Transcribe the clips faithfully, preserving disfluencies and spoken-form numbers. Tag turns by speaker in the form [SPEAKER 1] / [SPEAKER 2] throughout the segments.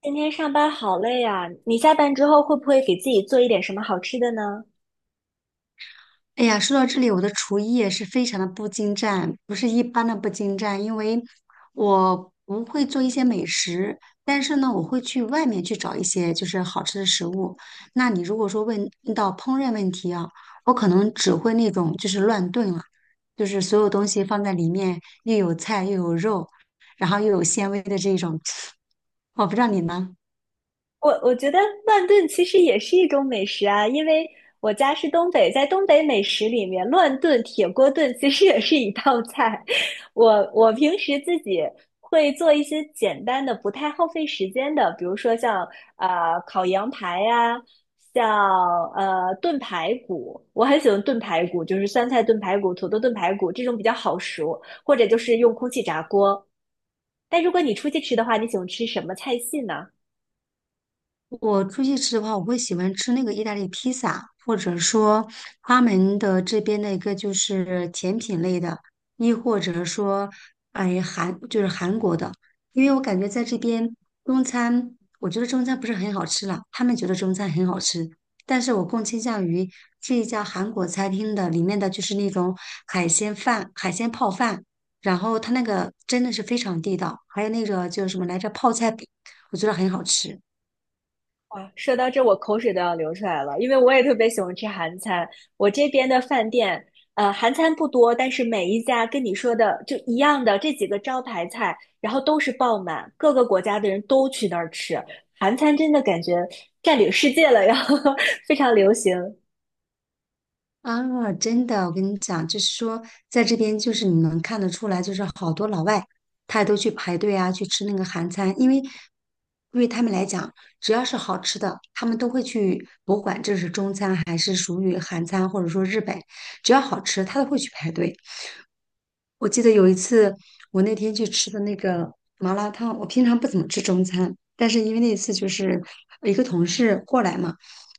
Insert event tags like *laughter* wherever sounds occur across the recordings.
[SPEAKER 1] 今天上班好累啊，你下班之后会不会给自己做一点什么好吃的呢？
[SPEAKER 2] 哎呀，说到这里，我的厨艺也是非常的不精湛，不是一般的不精湛，因为我不会做一些美食，但是呢，我会去外面去找一些就是好吃的食物。那你如果说问到烹饪问题啊，我可能只会那种就是乱炖了，就是所有东西放在里面，又有菜又有肉，然后又有纤维的这种。*tsk* 我不知道你呢？
[SPEAKER 1] 我我觉得乱炖其实也是一种美食啊，因为我家是东北，在东北美食里面，乱炖、铁锅炖其实也是一道菜。*laughs* 我我平时自己会做一些简单的、不太耗费时间的，比如说像呃烤羊排呀、像呃炖排骨，我很喜欢炖排骨，就是酸菜炖排骨、土豆炖排骨这种比较好熟，或者就是用空气炸锅。但如果你出去吃的话，你喜欢吃什么菜系呢？
[SPEAKER 2] 我出去吃的话，我会喜欢吃那个意大利披萨，或者说他们的这边的一个就是甜品类的，亦或者说，哎，韩就是韩国的，因为我感觉在这边中餐，我觉得中餐不是很好吃了，他们觉得中餐很好吃，但是我更倾向于这一家韩国餐厅的里面的就是那种海鲜饭、海鲜泡饭，然后它那个真的是非常地道，还有那个就是什么来着泡菜饼，我觉得很好吃。
[SPEAKER 1] 哇，说到这，我口水都要流出来了，因为我也特别喜欢吃韩餐。我这边的饭店，呃，韩餐不多，但是每一家跟你说的就一样的这几个招牌菜，然后都是爆满，各个国家的人都去那儿吃。韩餐真的感觉占领世界了，然后 *laughs* 非常流行。
[SPEAKER 2] 啊，真的，我跟你讲，就是说，在这边就是你能看得出来，就是好多老外，他都去排队啊，去吃那个韩餐，因为对于他们来讲，只要是好吃的，他们都会去，不管这是中餐还是属于韩餐，或者说日本，只要好吃，他都会去排队。我记得有一次，我那天去吃的那个麻辣烫，我平常不怎么吃中餐，但是因为那次就是一个同事过来嘛。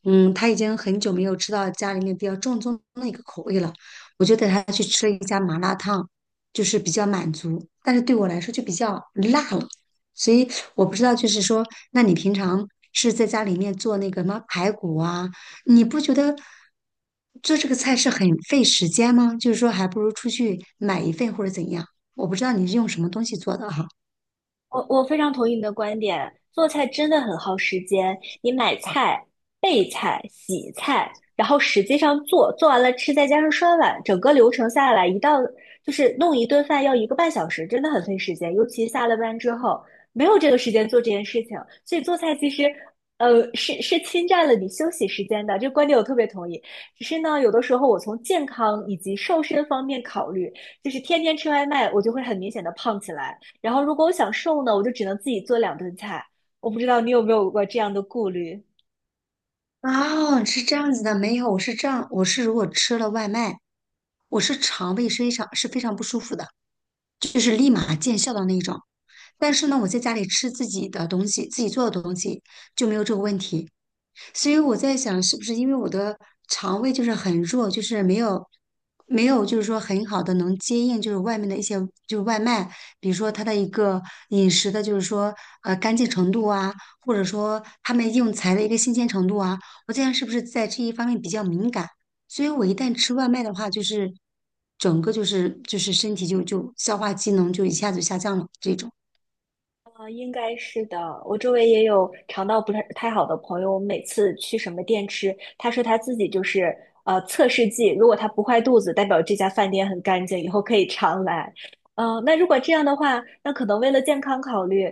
[SPEAKER 2] 嗯，他已经很久没有吃到家里面比较正宗的一个口味了，我就带他去吃了一家麻辣烫，就是比较满足，但是对我来说就比较辣了，所以我不知道，就是说，那你平常是在家里面做那个什么排骨啊，你不觉得做这个菜是很费时间吗？就是说，还不如出去买一份或者怎样？我不知道你是用什么东西做的哈。
[SPEAKER 1] 我我非常同意你的观点，做菜真的很耗时间。你买菜、备菜、洗菜，然后实际上做，做完了吃，再加上刷碗，整个流程下来，一道就是弄一顿饭要一个半小时，真的很费时间。尤其下了班之后，没有这个时间做这件事情，所以做菜其实，呃，是是侵占了你休息时间的。这个观点我特别同意。只是呢，有的时候我从健康以及瘦身方面考虑，就是天天吃外卖，我就会很明显的胖起来。然后如果我想瘦呢，我就只能自己做两顿菜。我不知道你有没有过这样的顾虑？
[SPEAKER 2] 哦，是这样子的，没有，我是这样，我是如果吃了外卖，我是肠胃非常是非常不舒服的，就是立马见效的那一种。但是呢，我在家里吃自己的东西，自己做的东西就没有这个问题。所以我在想，是不是因为我的肠胃就是很弱，就是没有没有，就是说很好的能接应，就是外面的一些就是外卖，比如说它的一个饮食的，就是说呃干净程度啊，或者说他们用材的一个新鲜程度啊，我这样是不是在这一方面比较敏感，所以我一旦吃外卖的话，就是整个就是就是身体就就消化机能就一下子下降了这种。
[SPEAKER 1] 啊，应该是的。我周围也有肠道不太太好的朋友，我们每次去什么店吃，他说他自己就是呃测试剂，如果他不坏肚子，代表这家饭店很干净，以后可以常来。嗯、那如果这样的话，那可能为了健康考虑，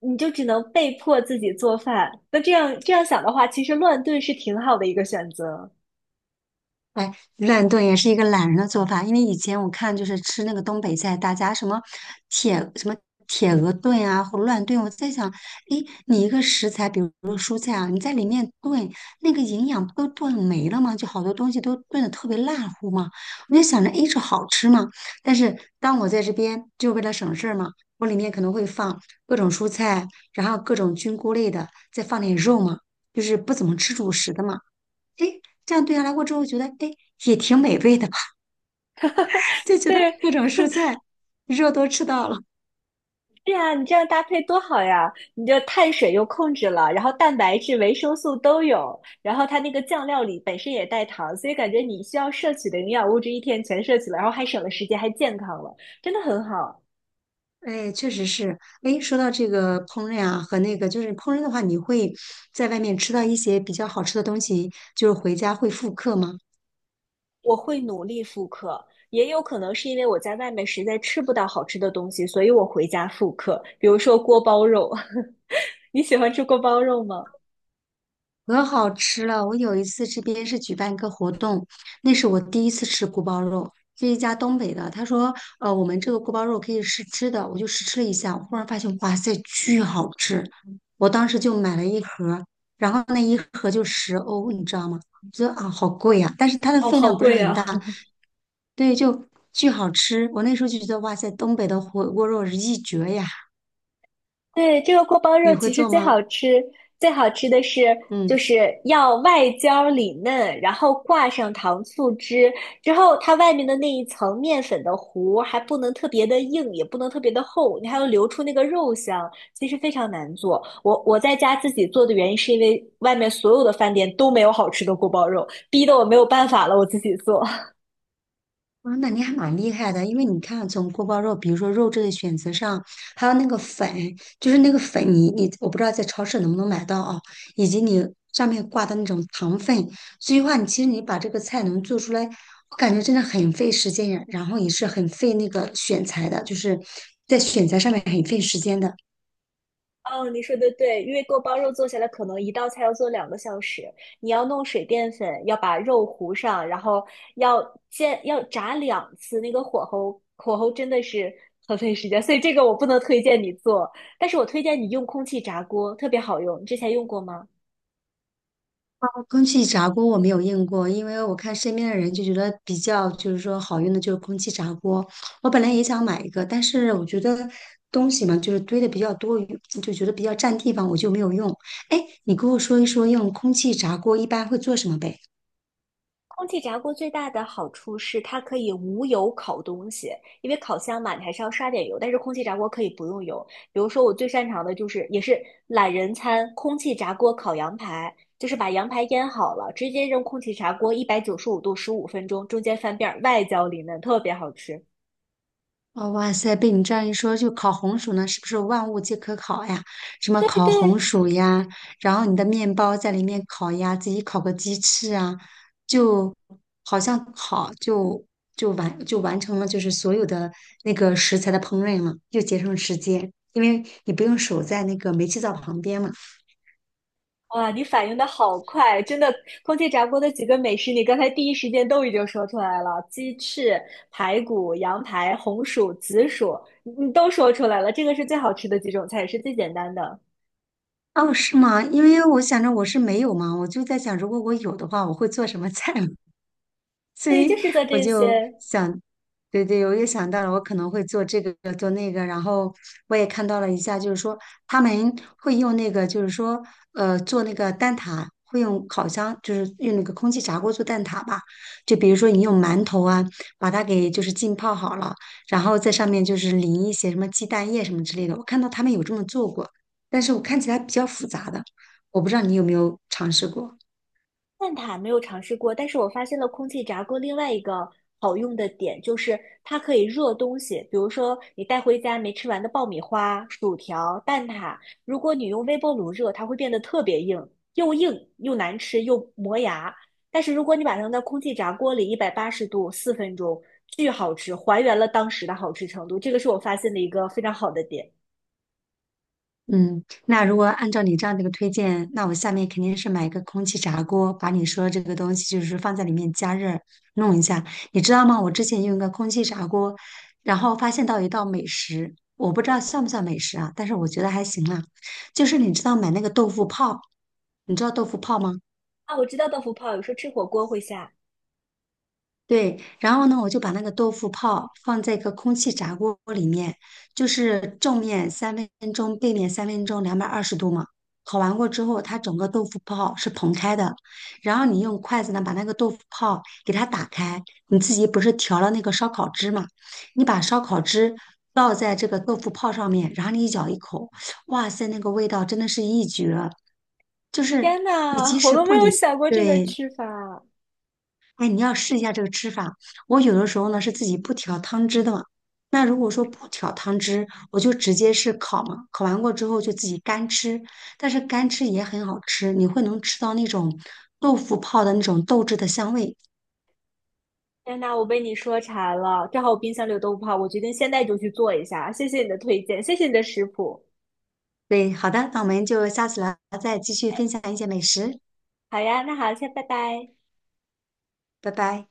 [SPEAKER 1] 你就只能被迫自己做饭。那这样这样想的话，其实乱炖是挺好的一个选择。
[SPEAKER 2] 哎，乱炖也是一个懒人的做法，因为以前我看就是吃那个东北菜，大家什么铁什么铁鹅炖啊，或乱炖，我在想，诶，你一个食材，比如说蔬菜啊，你在里面炖，那个营养不都炖没了吗？就好多东西都炖的特别烂糊嘛。我就想着，诶，这好吃嘛。但是当我在这边，就为了省事儿嘛，我里面可能会放各种蔬菜，然后各种菌菇类的，再放点肉嘛，就是不怎么吃主食的嘛。诶，这样对下来过之后，觉得诶也挺美味的吧，*laughs* 就觉得
[SPEAKER 1] 对，
[SPEAKER 2] 各种蔬菜肉都吃到了。
[SPEAKER 1] 对呀，你这样搭配多好呀！你这碳水又控制了，然后蛋白质、维生素都有，然后它那个酱料里本身也带糖，所以感觉你需要摄取的营养物质一天全摄取了，然后还省了时间，还健康了，真的很好。
[SPEAKER 2] 哎，确实是。哎，说到这个烹饪啊，和那个就是烹饪的话，你会在外面吃到一些比较好吃的东西，就是回家会复刻吗？
[SPEAKER 1] 我会努力复刻，也有可能是因为我在外面实在吃不到好吃的东西，所以我回家复刻，比如说锅包肉。*laughs* 你喜欢吃锅包肉吗？
[SPEAKER 2] 可好吃了！我有一次这边是举办一个活动，那是我第一次吃锅包肉，是一家东北的。他说，呃，我们这个锅包肉可以试吃的，我就试吃了一下，我忽然发现，哇塞，巨好吃！我当时就买了一盒，然后那一盒就十欧，你知道吗？我觉得啊，好贵呀、但是它的
[SPEAKER 1] 哦，
[SPEAKER 2] 分
[SPEAKER 1] 好
[SPEAKER 2] 量不是
[SPEAKER 1] 贵
[SPEAKER 2] 很大，
[SPEAKER 1] 啊。
[SPEAKER 2] 对，就巨好吃。我那时候就觉得，哇塞，东北的火锅肉是一绝呀！
[SPEAKER 1] 对，这个锅包
[SPEAKER 2] 你
[SPEAKER 1] 肉
[SPEAKER 2] 会
[SPEAKER 1] 其实
[SPEAKER 2] 做
[SPEAKER 1] 最
[SPEAKER 2] 吗？
[SPEAKER 1] 好吃，最好吃的是就
[SPEAKER 2] 嗯。
[SPEAKER 1] 是要外焦里嫩，然后挂上糖醋汁，之后它外面的那一层面粉的糊还不能特别的硬，也不能特别的厚，你还要留出那个肉香，其实非常难做。我我在家自己做的原因是因为外面所有的饭店都没有好吃的锅包肉，逼得我没有办法了，我自己做。
[SPEAKER 2] 啊，那你还蛮厉害的，因为你看，从锅包肉，比如说肉质的选择上，还有那个粉，就是那个粉你，你我不知道在超市能不能买到啊，以及你上面挂的那种糖分，所以话，你其实你把这个菜能做出来，我感觉真的很费时间呀，然后也是很费那个选材的，就是在选材上面很费时间的。
[SPEAKER 1] 哦，你说的对，因为锅包肉做下来可能一道菜要做两个小时，你要弄水淀粉，要把肉糊上，然后要煎，要炸两次，那个火候火候真的是很费时间，所以这个我不能推荐你做，但是我推荐你用空气炸锅，特别好用，你之前用过吗？
[SPEAKER 2] 空气炸锅我没有用过，因为我看身边的人就觉得比较就是说好用的就是空气炸锅。我本来也想买一个，但是我觉得东西嘛就是堆的比较多余就觉得比较占地方，我就没有用。哎，你给我说一说用空气炸锅一般会做什么呗？
[SPEAKER 1] 空气炸锅最大的好处是它可以无油烤东西，因为烤箱嘛，你还是要刷点油，但是空气炸锅可以不用油。比如说我最擅长的就是，也是懒人餐，空气炸锅烤羊排，就是把羊排腌好了，直接扔空气炸锅，一百九十五度十五分钟，中间翻遍儿，外焦里嫩，特别好吃。
[SPEAKER 2] 哦，哇塞！被你这样一说，就烤红薯呢，是不是万物皆可烤呀？什么
[SPEAKER 1] 对
[SPEAKER 2] 烤红
[SPEAKER 1] 对，
[SPEAKER 2] 薯呀，然后你的面包在里面烤呀，自己烤个鸡翅啊，就好像烤就就完就完成了，就是所有的那个食材的烹饪了，又节省了时间，因为你不用守在那个煤气灶旁边嘛。
[SPEAKER 1] 哇，你反应的好快，真的！空气炸锅的几个美食，你刚才第一时间都已经说出来了，鸡翅、排骨、羊排、红薯、紫薯，你你都说出来了。这个是最好吃的几种菜，也是最简单的。
[SPEAKER 2] 哦，是吗？因为我想着我是没有嘛，我就在想，如果我有的话，我会做什么菜嘛？所
[SPEAKER 1] 对，就
[SPEAKER 2] 以
[SPEAKER 1] 是做
[SPEAKER 2] 我
[SPEAKER 1] 这
[SPEAKER 2] 就
[SPEAKER 1] 些。
[SPEAKER 2] 想，对对，我也想到了，我可能会做这个做那个，然后我也看到了一下，就是说他们会用那个，就是说呃做那个蛋挞，会用烤箱，就是用那个空气炸锅做蛋挞吧。就比如说你用馒头啊，把它给就是浸泡好了，然后在上面就是淋一些什么鸡蛋液什么之类的。我看到他们有这么做过，但是我看起来比较复杂的，我不知道你有没有尝试过。
[SPEAKER 1] 蛋挞没有尝试过，但是我发现了空气炸锅另外一个好用的点，就是它可以热东西，比如说你带回家没吃完的爆米花、薯条、蛋挞，如果你用微波炉热，它会变得特别硬，又硬又难吃又磨牙。但是如果你把它扔到空气炸锅里，一百八十度四分钟，巨好吃，还原了当时的好吃程度。这个是我发现的一个非常好的点
[SPEAKER 2] 嗯，那如果按照你这样的一个推荐，那我下面肯定是买一个空气炸锅，把你说的这个东西就是放在里面加热弄一下。你知道吗？我之前用一个空气炸锅，然后发现到一道美食，我不知道算不算美食啊，但是我觉得还行啦。就是你知道买那个豆腐泡，你知道豆腐泡吗？
[SPEAKER 1] 啊！我知道豆腐泡有时候吃火锅会下，
[SPEAKER 2] 对，然后呢，我就把那个豆腐泡放在一个空气炸锅里面，就是正面三分钟，背面三分钟，两百二十度嘛。烤完过之后，它整个豆腐泡是蓬开的，然后你用筷子呢把那个豆腐泡给它打开，你自己不是调了那个烧烤汁嘛？你把烧烤汁倒在这个豆腐泡上面，然后你一咬一口，哇塞，那个味道真的是一绝！就是
[SPEAKER 1] 天
[SPEAKER 2] 你即
[SPEAKER 1] 呐，我
[SPEAKER 2] 使
[SPEAKER 1] 都没
[SPEAKER 2] 不
[SPEAKER 1] 有
[SPEAKER 2] 离，
[SPEAKER 1] 想过这个
[SPEAKER 2] 对，
[SPEAKER 1] 吃法。
[SPEAKER 2] 哎，你要试一下这个吃法。我有的时候呢是自己不调汤汁的嘛。那如果说不调汤汁，我就直接是烤嘛，烤完过之后就自己干吃。但是干吃也很好吃，你会能吃到那种豆腐泡的那种豆汁的香味。
[SPEAKER 1] 天呐，我被你说馋了，正好我冰箱里有豆腐泡，我决定现在就去做一下。谢谢你的推荐，谢谢你的食谱。
[SPEAKER 2] 对，好的，那我们就下次聊，再继续分享一些美食，
[SPEAKER 1] 好呀，那好，先拜拜。
[SPEAKER 2] 拜拜。